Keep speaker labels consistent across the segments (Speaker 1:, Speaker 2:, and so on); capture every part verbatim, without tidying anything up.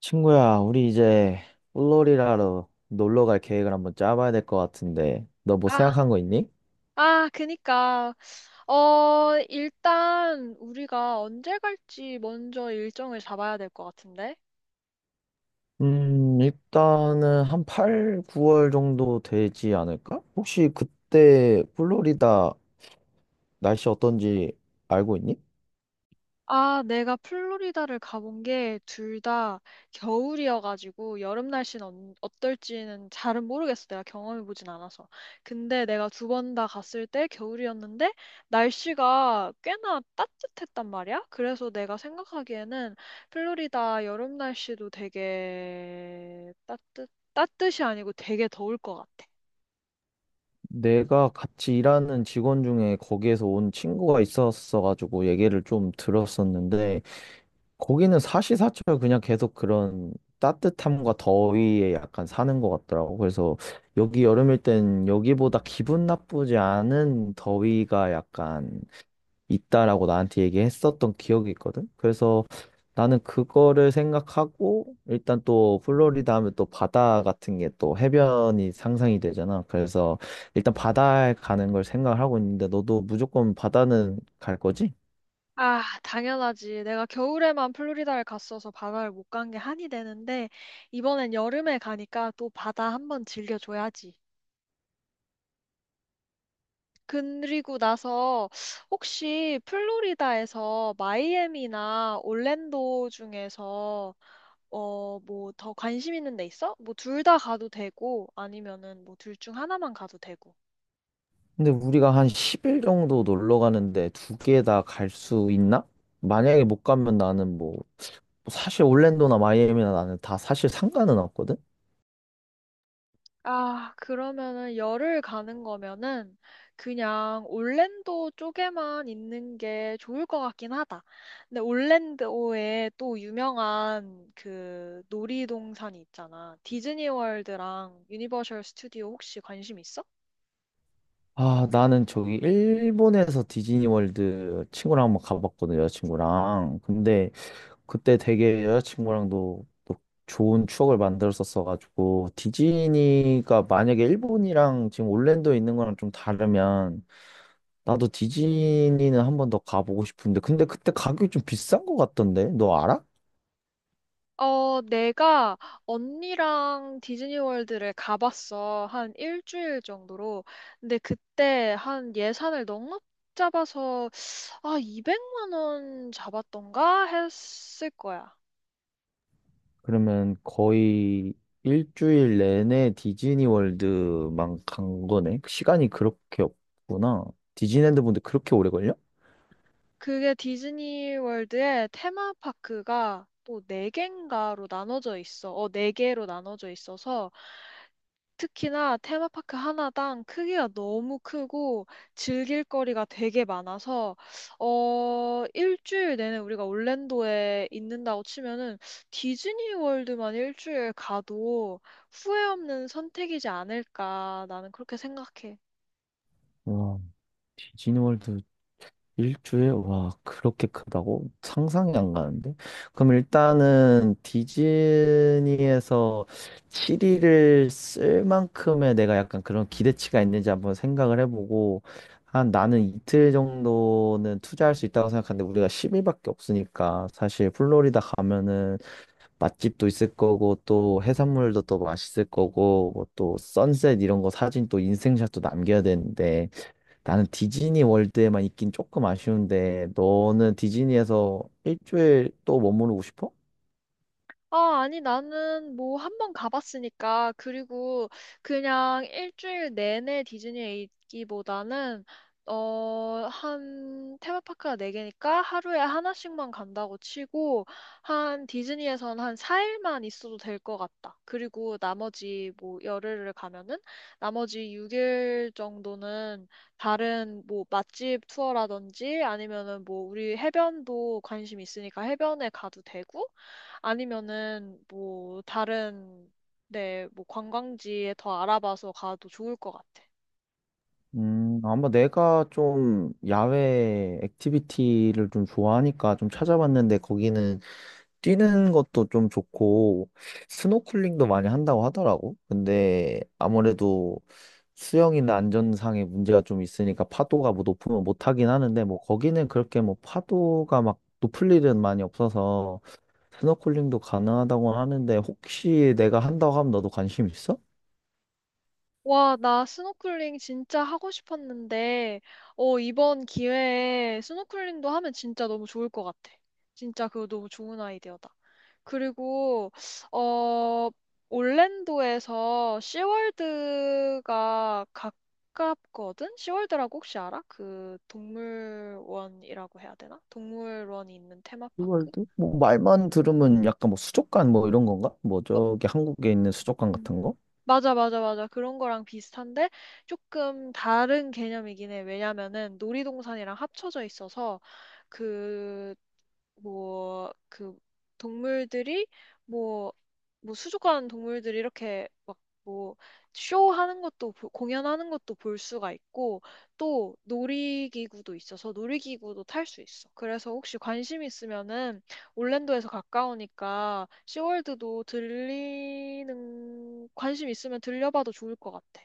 Speaker 1: 친구야, 우리 이제 플로리다로 놀러 갈 계획을 한번 짜봐야 될 것 같은데, 너 뭐
Speaker 2: 아,
Speaker 1: 생각한 거 있니?
Speaker 2: 아, 그니까. 어, 일단 우리가 언제 갈지 먼저 일정을 잡아야 될 것 같은데?
Speaker 1: 음, 일단은 한 팔, 구 월 정도 되지 않을까? 혹시 그때 플로리다 날씨 어떤지 알고 있니?
Speaker 2: 아, 내가 플로리다를 가본 게 둘 다 겨울이어가지고 여름 날씨는 언- 어떨지는 잘은 모르겠어. 내가 경험해보진 않아서. 근데 내가 두 번 다 갔을 때 겨울이었는데 날씨가 꽤나 따뜻했단 말이야. 그래서 내가 생각하기에는 플로리다 여름 날씨도 되게 따뜻, 따뜻이 아니고 되게 더울 것 같아.
Speaker 1: 내가 같이 일하는 직원 중에 거기에서 온 친구가 있었어가지고 얘기를 좀 들었었는데, 거기는 사시사철 그냥 계속 그런 따뜻함과 더위에 약간 사는 것 같더라고. 그래서 여기 여름일 땐 여기보다 기분 나쁘지 않은 더위가 약간 있다라고 나한테 얘기했었던 기억이 있거든. 그래서 나는 그거를 생각하고 일단 또 플로리다 하면 또 바다 같은 게 또 해변이 상상이 되잖아. 그래서 일단 바다에 가는 걸 생각을 하고 있는데 너도 무조건 바다는 갈 거지?
Speaker 2: 아, 당연하지. 내가 겨울에만 플로리다를 갔어서 바다를 못 간 게 한이 되는데, 이번엔 여름에 가니까 또 바다 한번 즐겨줘야지. 그리고 나서 혹시 플로리다에서 마이애미나 orlando 중에서 어, 뭐 더 관심 있는 데 있어? 뭐 둘 다 가도 되고, 아니면은 뭐 둘 중 하나만 가도 되고.
Speaker 1: 근데 우리가 한 십 일 정도 놀러 가는데 두 개 다 갈 수 있나? 만약에 못 가면 나는 뭐 사실 올랜도나 마이애미나 나는 다 사실 상관은 없거든.
Speaker 2: 아, 그러면은 열흘 가는 거면은 그냥 올랜도 쪽에만 있는 게 좋을 것 같긴 하다. 근데 올랜도에 또 유명한 그 놀이동산이 있잖아. 디즈니 월드랑 유니버셜 스튜디오 혹시 관심 있어?
Speaker 1: 아, 나는 저기 일본에서 디즈니월드 친구랑 한번 가봤거든, 여자친구랑. 근데 그때 되게 여자친구랑도 또 좋은 추억을 만들었었어가지고 디즈니가 만약에 일본이랑 지금 올랜도에 있는 거랑 좀 다르면 나도 디즈니는 한 번 더 가보고 싶은데, 근데 그때 가격이 좀 비싼 것 같던데? 너 알아?
Speaker 2: 어, 내가 언니랑 디즈니 월드를 가봤어. 한 일주일 정도로. 근데 그때 한 예산을 넉넉 잡아서 아, 200만 원 잡았던가 했을 거야.
Speaker 1: 그러면 거의 일주일 내내 디즈니 월드만 간 거네? 시간이 그렇게 없구나. 디즈니랜드 분들 그렇게 오래 걸려?
Speaker 2: 그게 디즈니 월드의 테마파크가 또 네 개인가로 나눠져 있어. 어, 네 개로 나눠져 있어서 특히나 테마파크 하나당 크기가 너무 크고 즐길 거리가 되게 많아서 어, 일주일 내내 우리가 올랜도에 있는다고 치면은 디즈니 월드만 일주일 가도 후회 없는 선택이지 않을까 나는 그렇게 생각해.
Speaker 1: 와, 디즈니 월드 일주일? 와, 그렇게 크다고? 상상이 안 가는데? 그럼 일단은 디즈니에서 칠 일을 쓸 만큼의 내가 약간 그런 기대치가 있는지 한번 생각을 해보고, 한 나는 이틀 정도는 투자할 수 있다고 생각하는데, 우리가 십 일밖에 없으니까, 사실 플로리다 가면은 맛집도 있을 거고, 또 해산물도 또 맛있을 거고, 뭐 또 선셋 이런 거 사진 또 인생샷도 남겨야 되는데, 나는 디즈니 월드에만 있긴 조금 아쉬운데, 너는 디즈니에서 일주일 또 머무르고 싶어?
Speaker 2: 아, 아니, 나는 뭐 한 번 가봤으니까, 그리고 그냥 일주일 내내 디즈니에 있기보다는, 어, 한, 테마파크가 네개니까 하루에 하나씩만 간다고 치고, 한, 디즈니에선 한 사 일만 있어도 될 것 같다. 그리고 나머지 뭐 열흘을 가면은, 나머지 육 일 정도는 다른 뭐 맛집 투어라든지 아니면은 뭐 우리 해변도 관심 있으니까 해변에 가도 되고, 아니면은 뭐 다른 네, 뭐 관광지에 더 알아봐서 가도 좋을 것 같아.
Speaker 1: 음, 아마 내가 좀 야외 액티비티를 좀 좋아하니까 좀 찾아봤는데, 거기는 뛰는 것도 좀 좋고, 스노클링도 많이 한다고 하더라고. 근데 아무래도 수영이나 안전상의 문제가 좀 있으니까 파도가 뭐 높으면 못 하긴 하는데, 뭐 거기는 그렇게 뭐 파도가 막 높을 일은 많이 없어서, 스노클링도 가능하다고 하는데 혹시 내가 한다고 하면 너도 관심 있어?
Speaker 2: 와, 나 스노클링 진짜 하고 싶었는데, 어, 이번 기회에 스노클링도 하면 진짜 너무 좋을 것 같아. 진짜 그거 너무 좋은 아이디어다. 그리고, 어, 올랜도에서 시월드가 가깝거든? 시월드라고 혹시 알아? 그 동물원이라고 해야 되나? 동물원이 있는 테마파크?
Speaker 1: 스월드? 뭐 말만 들으면 약간 뭐 수족관 뭐 이런 건가? 뭐
Speaker 2: 뭐-
Speaker 1: 저기 한국에 있는 수족관
Speaker 2: 음,
Speaker 1: 같은 거?
Speaker 2: 맞아, 맞아, 맞아. 그런 거랑 비슷한데 조금 다른 개념이긴 해. 왜냐면은 놀이동산이랑 합쳐져 있어서 그, 뭐, 그 동물들이 뭐, 뭐 수족관 동물들이 이렇게 막 뭐 쇼하는 것도 보- 공연하는 것도 볼 수가 있고 또 놀이기구도 있어서 놀이기구도 탈 수 있어. 그래서 혹시 관심 있으면은 올랜도에서 가까우니까 시월드도 들리는 관심 있으면 들려봐도 좋을 것 같아.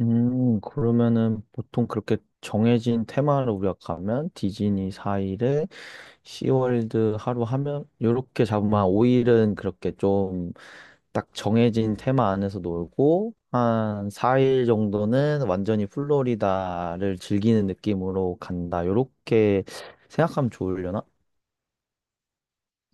Speaker 1: 음, 그러면은 보통 그렇게 정해진 테마를 우리가 가면 디즈니 사 일에 시월드 하루 하면 요렇게 잡으면 한 오 일은 그렇게 좀 딱 정해진 테마 안에서 놀고 한 사 일 정도는 완전히 플로리다를 즐기는 느낌으로 간다. 요렇게 생각하면 좋으려나?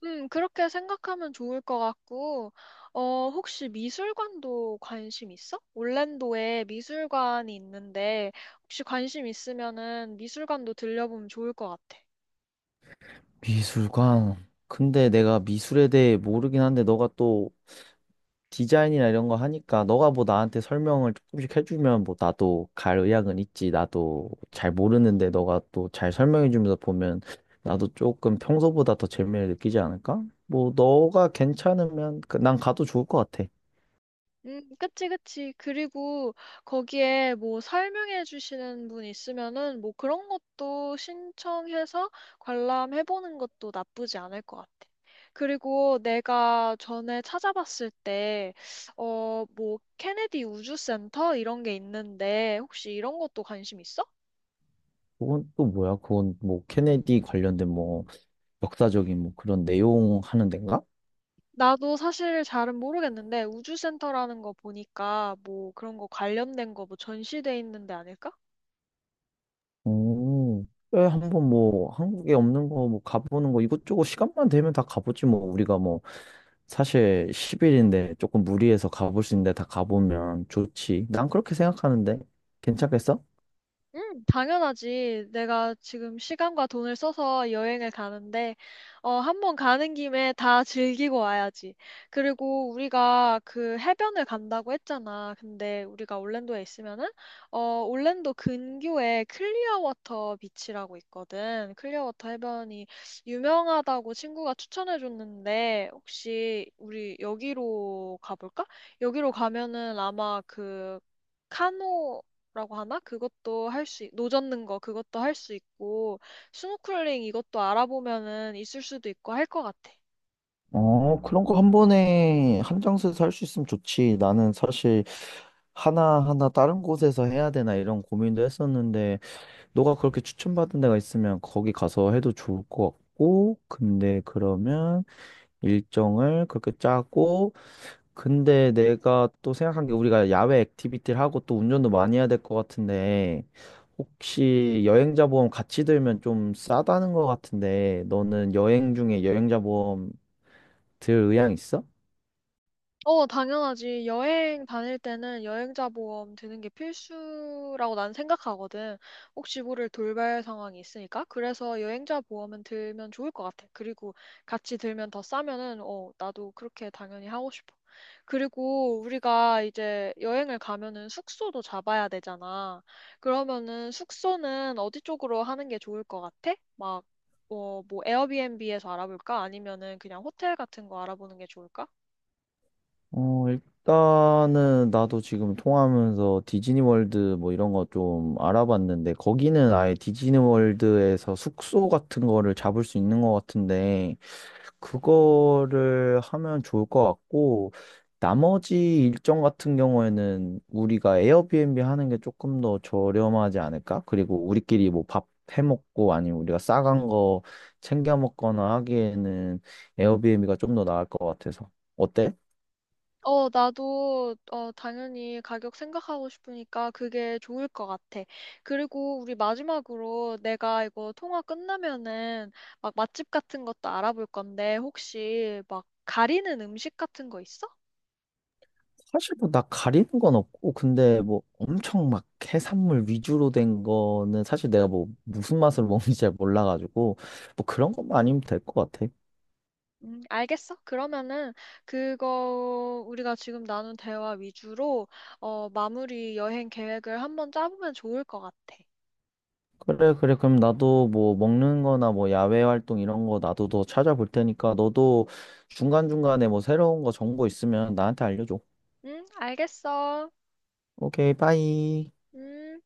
Speaker 2: 음, 그렇게 생각하면 좋을 것 같고, 어, 혹시 미술관도 관심 있어? 올랜도에 미술관이 있는데, 혹시 관심 있으면은 미술관도 들려보면 좋을 것 같아.
Speaker 1: 미술관. 근데 내가 미술에 대해 모르긴 한데 너가 또 디자인이나 이런 거 하니까 너가 뭐 나한테 설명을 조금씩 해주면 뭐 나도 갈 의향은 있지. 나도 잘 모르는데 너가 또 잘 설명해주면서 보면 나도 조금 평소보다 더 재미를 느끼지 않을까? 뭐 너가 괜찮으면 그- 난 가도 좋을 것 같아.
Speaker 2: 음, 그치, 그치. 그리고 거기에 뭐 설명해 주시는 분 있으면은 뭐 그런 것도 신청해서 관람해 보는 것도 나쁘지 않을 것 같아. 그리고 내가 전에 찾아봤을 때, 어, 뭐 케네디 우주센터 이런 게 있는데 혹시 이런 것도 관심 있어?
Speaker 1: 그건 또 뭐야? 그건 뭐 케네디 관련된 뭐 역사적인 뭐 그런 내용 하는 데인가?
Speaker 2: 나도 사실 잘은 모르겠는데 우주센터라는 거 보니까 뭐 그런 거 관련된 거 뭐 전시돼 있는 데 아닐까?
Speaker 1: 오, 왜 한번 뭐 한국에 없는 거 뭐 가보는 거 이것저것 시간만 되면 다 가보지 뭐 우리가 뭐 사실 십 일인데 조금 무리해서 가볼 수 있는데 다 가보면 좋지. 난 그렇게 생각하는데 괜찮겠어?
Speaker 2: 음, 당연하지. 내가 지금 시간과 돈을 써서 여행을 가는데, 어, 한번 가는 김에 다 즐기고 와야지. 그리고 우리가 그 해변을 간다고 했잖아. 근데 우리가 올랜도에 있으면은, 어, 올랜도 근교에 클리어워터 비치라고 있거든. 클리어워터 해변이 유명하다고 친구가 추천해줬는데, 혹시 우리 여기로 가볼까? 여기로 가면은 아마 그, 카노 라고 하나? 그것도 할 수, 있- 노젓는 거 그것도 할 수 있고, 스노클링 이것도 알아보면은 있을 수도 있고 할 것 같아.
Speaker 1: 어, 그런 거 한 번에 한 장소에서 할 수 있으면 좋지. 나는 사실 하나하나 다른 곳에서 해야 되나 이런 고민도 했었는데, 너가 그렇게 추천받은 데가 있으면 거기 가서 해도 좋을 것 같고, 근데 그러면 일정을 그렇게 짜고, 근데 내가 또 생각한 게 우리가 야외 액티비티를 하고 또 운전도 많이 해야 될 것 같은데, 혹시 여행자 보험 같이 들면 좀 싸다는 것 같은데, 너는 여행 중에 여행자 보험 들 의향 있어?
Speaker 2: 어, 당연하지. 여행 다닐 때는 여행자 보험 드는 게 필수라고 난 생각하거든. 혹시 모를 돌발 상황이 있으니까. 그래서 여행자 보험은 들면 좋을 것 같아. 그리고 같이 들면 더 싸면은, 어, 나도 그렇게 당연히 하고 싶어. 그리고 우리가 이제 여행을 가면은 숙소도 잡아야 되잖아. 그러면은 숙소는 어디 쪽으로 하는 게 좋을 것 같아? 막, 어, 뭐, 에어비앤비에서 알아볼까? 아니면은 그냥 호텔 같은 거 알아보는 게 좋을까?
Speaker 1: 어, 일단은 나도 지금 통화하면서 디즈니 월드 뭐 이런 거 좀 알아봤는데 거기는 아예 디즈니 월드에서 숙소 같은 거를 잡을 수 있는 것 같은데 그거를 하면 좋을 것 같고 나머지 일정 같은 경우에는 우리가 에어비앤비 하는 게 조금 더 저렴하지 않을까? 그리고 우리끼리 뭐 밥 해먹고 아니면 우리가 싸간 거 챙겨 먹거나 하기에는 에어비앤비가 좀 더 나을 것 같아서 어때?
Speaker 2: 어, 나도, 어, 당연히 가격 생각하고 싶으니까 그게 좋을 것 같아. 그리고 우리 마지막으로 내가 이거 통화 끝나면은 막 맛집 같은 것도 알아볼 건데 혹시 막 가리는 음식 같은 거 있어?
Speaker 1: 사실 뭐 나 가리는 건 없고 근데 뭐 엄청 막 해산물 위주로 된 거는 사실 내가 뭐 무슨 맛을 먹는지 잘 몰라가지고 뭐 그런 것만 아니면 될 것 같아.
Speaker 2: 음, 알겠어. 그러면은 그거 우리가 지금 나눈 대화 위주로 어, 마무리 여행 계획을 한번 짜보면 좋을 것 같아.
Speaker 1: 그래 그래, 그럼 나도 뭐 먹는 거나 뭐 야외 활동 이런 거 나도 더 찾아볼 테니까 너도 중간중간에 뭐 새로운 거 정보 있으면 나한테 알려줘.
Speaker 2: 응, 알겠어.
Speaker 1: 오케이, 빠이.
Speaker 2: 음.